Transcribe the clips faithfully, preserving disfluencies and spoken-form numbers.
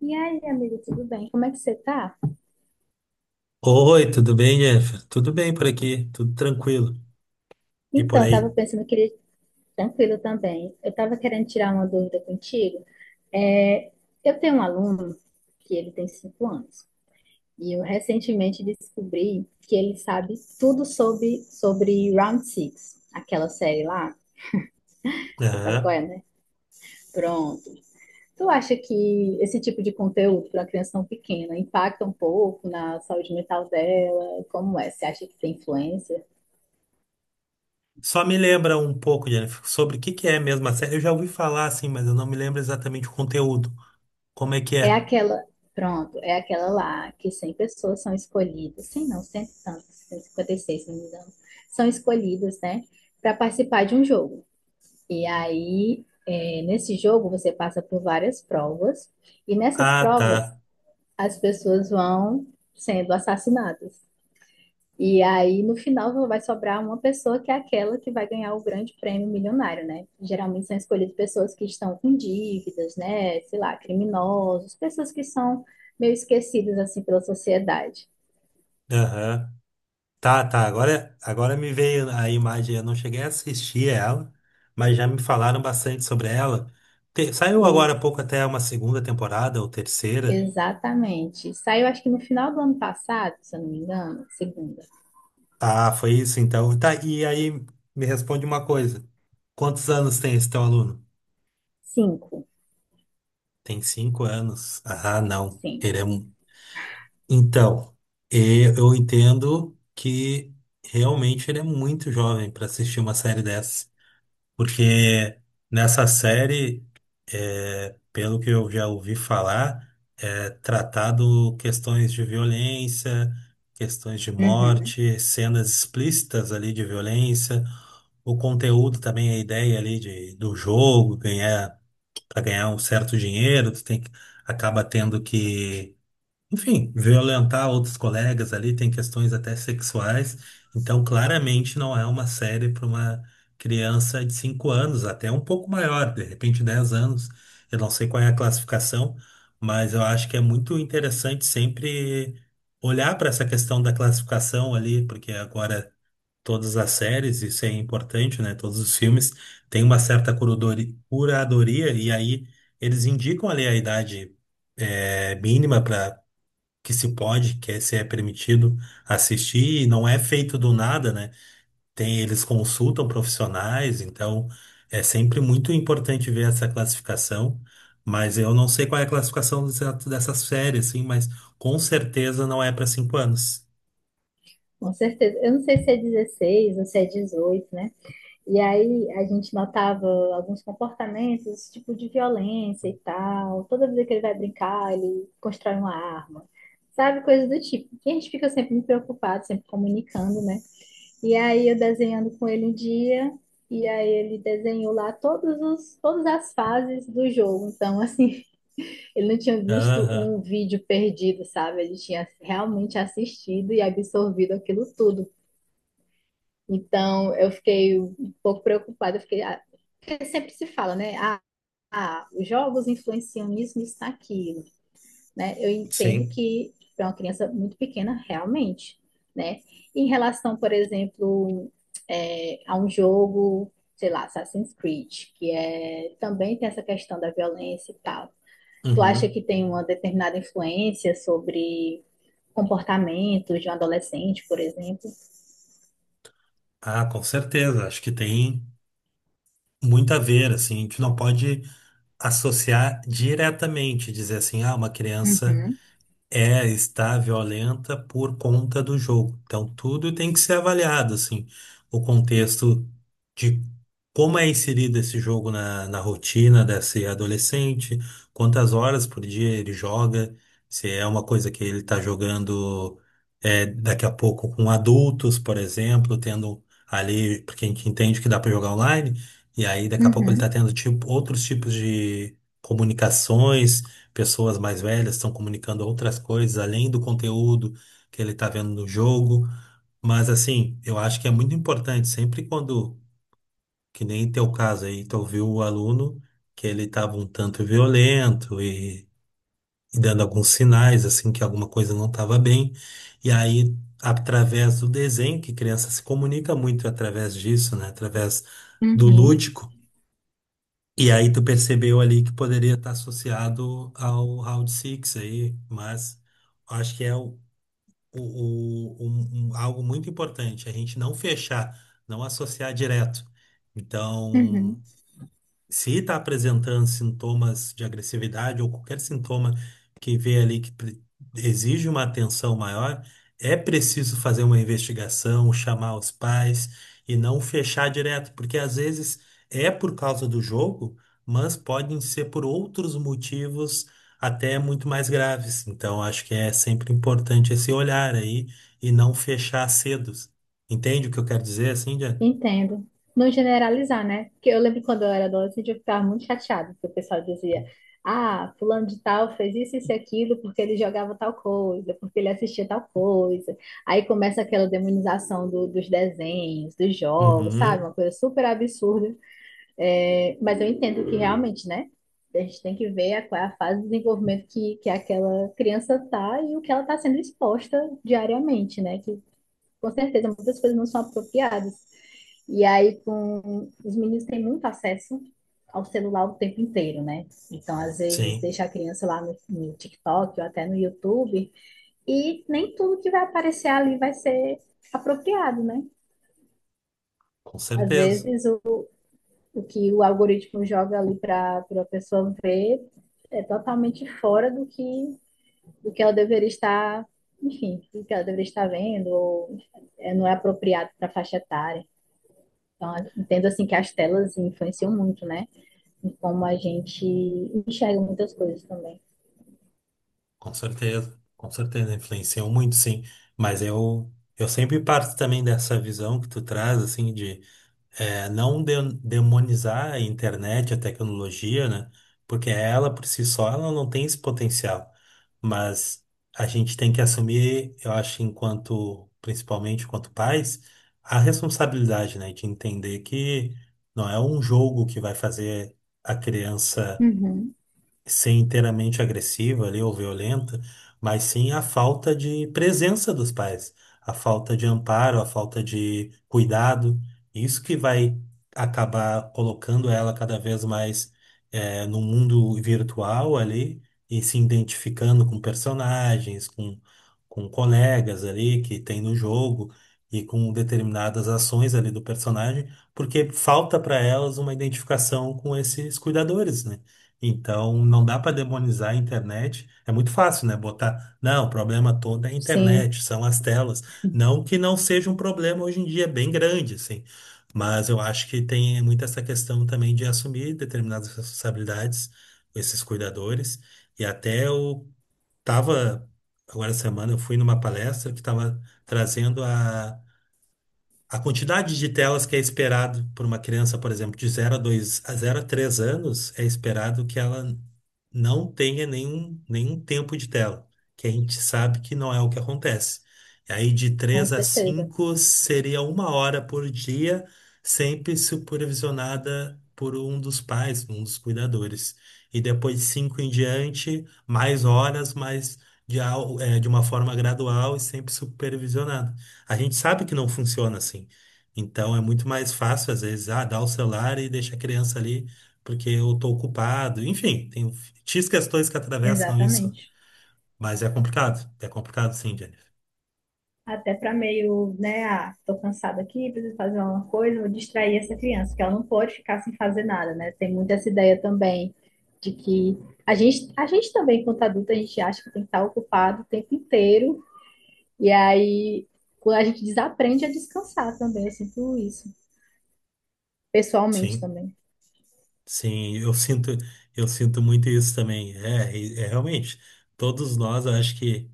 E aí, amigo, tudo bem? Como é que você tá? Oi, tudo bem, Jennifer? Tudo bem por aqui, tudo tranquilo. E por Então, eu aí? tava pensando que ele tranquilo também. Eu tava querendo tirar uma dúvida contigo. É, eu tenho um aluno que ele tem cinco anos e eu recentemente descobri que ele sabe tudo sobre sobre Round Six, aquela série lá. Você sabe qual é, Aham. né? Pronto. Tu acha que esse tipo de conteúdo para uma criança tão pequena impacta um pouco na saúde mental dela? Como é? Você acha que tem influência? Só me lembra um pouco, Jennifer, sobre o que que é mesmo a série. Eu já ouvi falar assim, mas eu não me lembro exatamente o conteúdo. Como é que É é? aquela, pronto, é aquela lá que cem pessoas são escolhidas, cem não, cento e tantos, tanto, cento e cinquenta e seis, se não me engano, são escolhidas, né, para participar de um jogo. E aí, é, nesse jogo, você passa por várias provas, e nessas Ah, provas, tá. as pessoas vão sendo assassinadas. E aí, no final, vai sobrar uma pessoa que é aquela que vai ganhar o grande prêmio milionário, né? Geralmente são escolhidas pessoas que estão com dívidas, né? Sei lá, criminosos, pessoas que são meio esquecidas, assim, pela sociedade. Aham. Tá, tá. Agora, agora me veio a imagem. Eu não cheguei a assistir ela, mas já me falaram bastante sobre ela. Te- saiu agora E, há pouco até uma segunda temporada ou terceira. exatamente. Saiu, acho que no final do ano passado, se eu não me engano, segunda. Ah, foi isso então. Tá, e aí me responde uma coisa. Quantos anos tem esse teu aluno? Cinco, Tem cinco anos. Ah, não. sim, Ele é... um- Então, e- eu entendo que realmente ele é muito jovem para assistir uma série dessa. Porque nessa série, é, pelo que eu já ouvi falar, é tratado questões de violência, questões de Uhum. morte, cenas explícitas ali de violência. O conteúdo também, a ideia ali de, do jogo, ganhar, para ganhar um certo dinheiro, tu tem que, acaba tendo que, enfim, violentar outros colegas ali, tem questões até sexuais. Então, claramente não é uma série para uma criança de cinco anos, até um pouco maior, de repente dez anos. Eu não sei qual é a classificação, mas eu acho que é muito interessante sempre olhar para essa questão da classificação ali, porque agora todas as séries, isso é importante, né? Todos os filmes têm uma certa curadori- curadoria e aí eles indicam ali a idade eh, mínima para que se pode, que é, se é permitido assistir, e não é feito do nada, né? Tem, eles consultam profissionais, então é sempre muito importante ver essa classificação. Mas eu não sei qual é a classificação exata dessa série, assim, mas com certeza não é para cinco anos. Com certeza. Eu não sei se é dezesseis ou se é dezoito, né? E aí a gente notava alguns comportamentos, tipo de violência e tal. Toda vez que ele vai brincar, ele constrói uma arma. Sabe, coisas do tipo. E a gente fica sempre muito preocupado, sempre comunicando, né? E aí eu desenhando com ele um dia, e aí ele desenhou lá todos os, todas as fases do jogo. Então, assim, ele não tinha visto um Aham, vídeo perdido, sabe? Ele tinha realmente assistido e absorvido aquilo tudo. Então, eu fiquei um pouco preocupada, eu fiquei, ah, porque sempre se fala, né? Ah, ah, os jogos influenciam nisso, nisso, naquilo, né? Eu entendo sim. que para uma criança muito pequena, realmente, né? Em relação, por exemplo, é, a um jogo, sei lá, Assassin's Creed, que é, também tem essa questão da violência e tal. Tu acha Uhum. que tem uma determinada influência sobre comportamentos de um adolescente, por exemplo? Ah, com certeza. Acho que tem muito a ver, assim, a gente não pode associar diretamente, dizer assim, ah, uma criança Uhum, é, está violenta por conta do jogo. Então, tudo tem que ser avaliado, assim, o contexto de como é inserido esse jogo na, na rotina desse adolescente, quantas horas por dia ele joga, se é uma coisa que ele está jogando é, daqui a pouco com adultos, por exemplo, tendo ali, porque a gente entende que dá para jogar online, e aí daqui a pouco ele está uhum, tendo tipo, outros tipos de comunicações, pessoas mais velhas estão comunicando outras coisas além do conteúdo que ele está vendo no jogo. Mas assim, eu acho que é muito importante sempre quando, que nem teu caso aí, tu ouviu o aluno que ele estava um tanto violento e, e dando alguns sinais assim que alguma coisa não estava bem. E aí, através do desenho, que criança se comunica muito através disso, né? Através do uhum, lúdico. E aí tu percebeu ali que poderia estar associado ao Round six aí, mas acho que é o, o- o- um- um- algo muito importante, a gente não fechar, não associar direto. Então, uhum. se está apresentando sintomas de agressividade ou qualquer sintoma que vê ali que pre- exige uma atenção maior, é preciso fazer uma investigação, chamar os pais e não fechar direto, porque às vezes é por causa do jogo, mas podem ser por outros motivos até muito mais graves. Então, acho que é sempre importante esse olhar aí e não fechar cedo. Entende o que eu quero dizer, assim, Diana? Entendo. Não generalizar, né? Porque eu lembro quando eu era adolescente, eu ficava muito chateada, porque o pessoal dizia, ah, fulano de tal fez isso, isso e aquilo, porque ele jogava tal coisa, porque ele assistia tal coisa. Aí começa aquela demonização do- dos desenhos, dos jogos, sabe? Uhum, Uma coisa super absurda. É, mas eu entendo que realmente, né? A gente tem que ver a- qual é a fase de desenvolvimento que, que aquela criança tá e o que ela está sendo exposta diariamente, né? Que com certeza muitas coisas não são apropriadas. E aí, com... os meninos têm muito acesso ao celular o tempo inteiro, né? Então, às vezes, sim, deixa a criança lá no, no TikTok ou até no YouTube, e nem tudo que vai aparecer ali vai ser apropriado, né? com Às certeza. vezes, o, o que o algoritmo joga ali para a pessoa ver é totalmente fora do que, do que ela deveria estar, enfim, do que ela deveria estar vendo, ou é, não é apropriado para a faixa etária. Então, entendo assim que as telas influenciam muito, né? Em como a gente enxerga muitas coisas também. Com certeza, com certeza, influenciou muito, sim. Mas eu, eu sempre parto também dessa visão que tu traz, assim, de eh, não de- demonizar a internet, a tecnologia, né? Porque ela, por si só, ela não tem esse potencial. Mas a gente tem que assumir, eu acho, enquanto, principalmente enquanto pais, a responsabilidade, né? De entender que não é um jogo que vai fazer a criança Uhum. ser inteiramente agressiva ali ou violenta, mas sim a falta de presença dos pais, a falta de amparo, a falta de cuidado. Isso que vai acabar colocando ela cada vez mais eh, no mundo virtual ali e se identificando com personagens, com, com colegas ali que tem no jogo. E com determinadas ações ali do personagem, porque falta para elas uma identificação com esses cuidadores, né? Então, não dá para demonizar a internet. É muito fácil, né? Botar, não, o problema todo é a Sim, internet, são as telas. Não que não seja um problema hoje em dia, é bem grande, assim. Mas eu acho que tem muito essa questão também de assumir determinadas responsabilidades, esses cuidadores. E até eu estava, agora essa semana, eu fui numa palestra que estava trazendo a a quantidade de telas que é esperado por uma criança, por exemplo, de zero a dois a zero a três anos, é esperado que ela não tenha nenhum, nenhum tempo de tela, que a gente sabe que não é o que acontece. E aí de com três a certeza. cinco seria uma hora por dia, sempre supervisionada por um dos pais, um dos cuidadores. E depois de cinco em diante, mais horas, mas de, al- eh, de uma forma gradual e sempre supervisionada. A gente sabe que não funciona assim. Então é muito mais fácil, às vezes, ah, dar o celular e deixar a criança ali porque eu tô ocupado. Enfim, tem X questões que atravessam isso. Exatamente. Mas é complicado. É complicado, sim, Jennifer. Até para meio, né? Ah, tô cansada aqui, preciso fazer alguma coisa, vou distrair essa criança, porque ela não pode ficar sem fazer nada, né? Tem muito essa ideia também de que a gente, a gente também, quanto adulto, a gente acha que tem que estar ocupado o tempo inteiro, e aí quando a gente desaprende a descansar também, eu sinto isso, pessoalmente Sim, também, sim, eu sinto, eu sinto muito isso também. É, e- é realmente. Todos nós, eu acho que,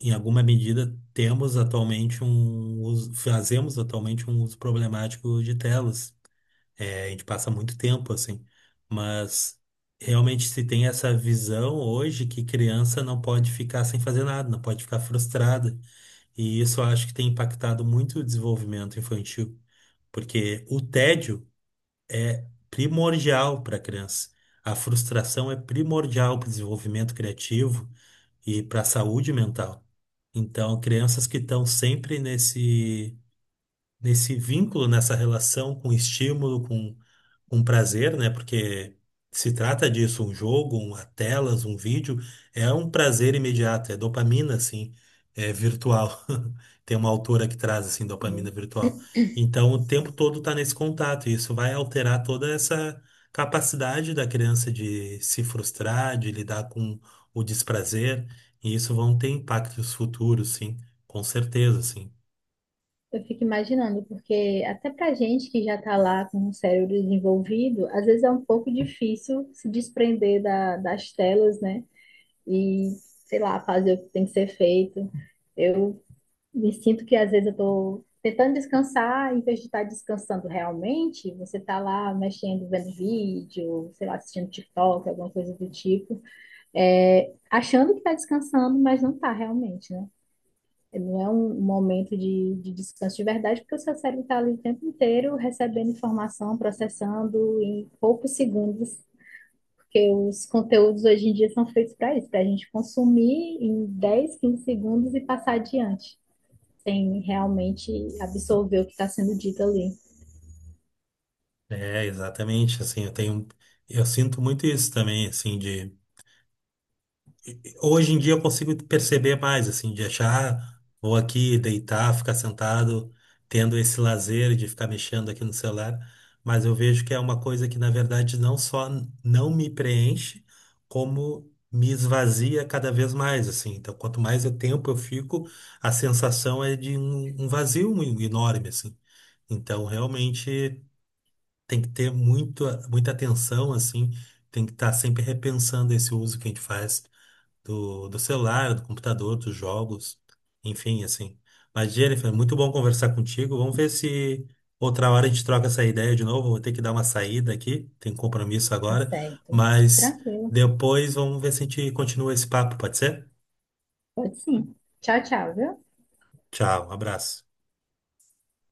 em alguma medida, temos atualmente um uso, fazemos atualmente um uso problemático de telas. É, a gente passa muito tempo assim, mas realmente se tem essa visão hoje que criança não pode ficar sem fazer nada, não pode ficar frustrada, e isso eu acho que tem impactado muito o desenvolvimento infantil, porque o tédio é primordial para a criança, a frustração é primordial para o desenvolvimento criativo e para a saúde mental. Então, crianças que estão sempre nesse nesse vínculo, nessa relação com estímulo, com um prazer, né? Porque se trata disso, um jogo, uma telas, um vídeo, é um prazer imediato, é dopamina, assim, é virtual. Tem uma autora que traz, assim, dopamina em virtual. Então, o tempo todo tá nesse contato, e isso vai alterar toda essa capacidade da criança de se frustrar, de lidar com o desprazer, e isso vão ter impactos futuros, sim, com certeza, sim. Eu fico imaginando, porque até pra gente que já tá lá com o cérebro desenvolvido, às vezes é um pouco difícil se desprender da- das telas, né? E, sei lá, fazer o que tem que ser feito. Eu me sinto que às vezes eu tô tentando descansar, em vez de estar descansando realmente, você tá lá mexendo, vendo vídeo, sei lá, assistindo TikTok, alguma coisa do tipo, é, achando que tá descansando, mas não tá realmente, né? Não é um momento de, de descanso de verdade, porque o seu cérebro está ali o tempo inteiro recebendo informação, processando em poucos segundos, porque os conteúdos hoje em dia são feitos para isso, para a gente consumir em dez, quinze segundos e passar adiante, sem realmente absorver o que está sendo dito ali. É, exatamente, assim, eu tenho, eu sinto muito isso também, assim, de hoje em dia eu consigo perceber mais, assim, de achar, vou aqui deitar, ficar sentado, tendo esse lazer de ficar mexendo aqui no celular, mas eu vejo que é uma coisa que, na verdade, não só não me preenche, como me esvazia cada vez mais, assim. Então, quanto mais eu tempo eu fico, a sensação é de um, um vazio enorme, assim. Então, realmente tem que ter muito, muita atenção, assim, tem que estar sempre repensando esse uso que a gente faz do, do celular, do computador, dos jogos, enfim, assim. Mas, Jennifer, muito bom conversar contigo. Vamos ver se outra hora a gente troca essa ideia de novo. Vou ter que dar uma saída aqui, tem compromisso Tá agora, certo. mas Tranquilo. depois vamos ver se a gente continua esse papo, pode ser? Pode sim. Tchau, tchau, viu? Tchau, um abraço.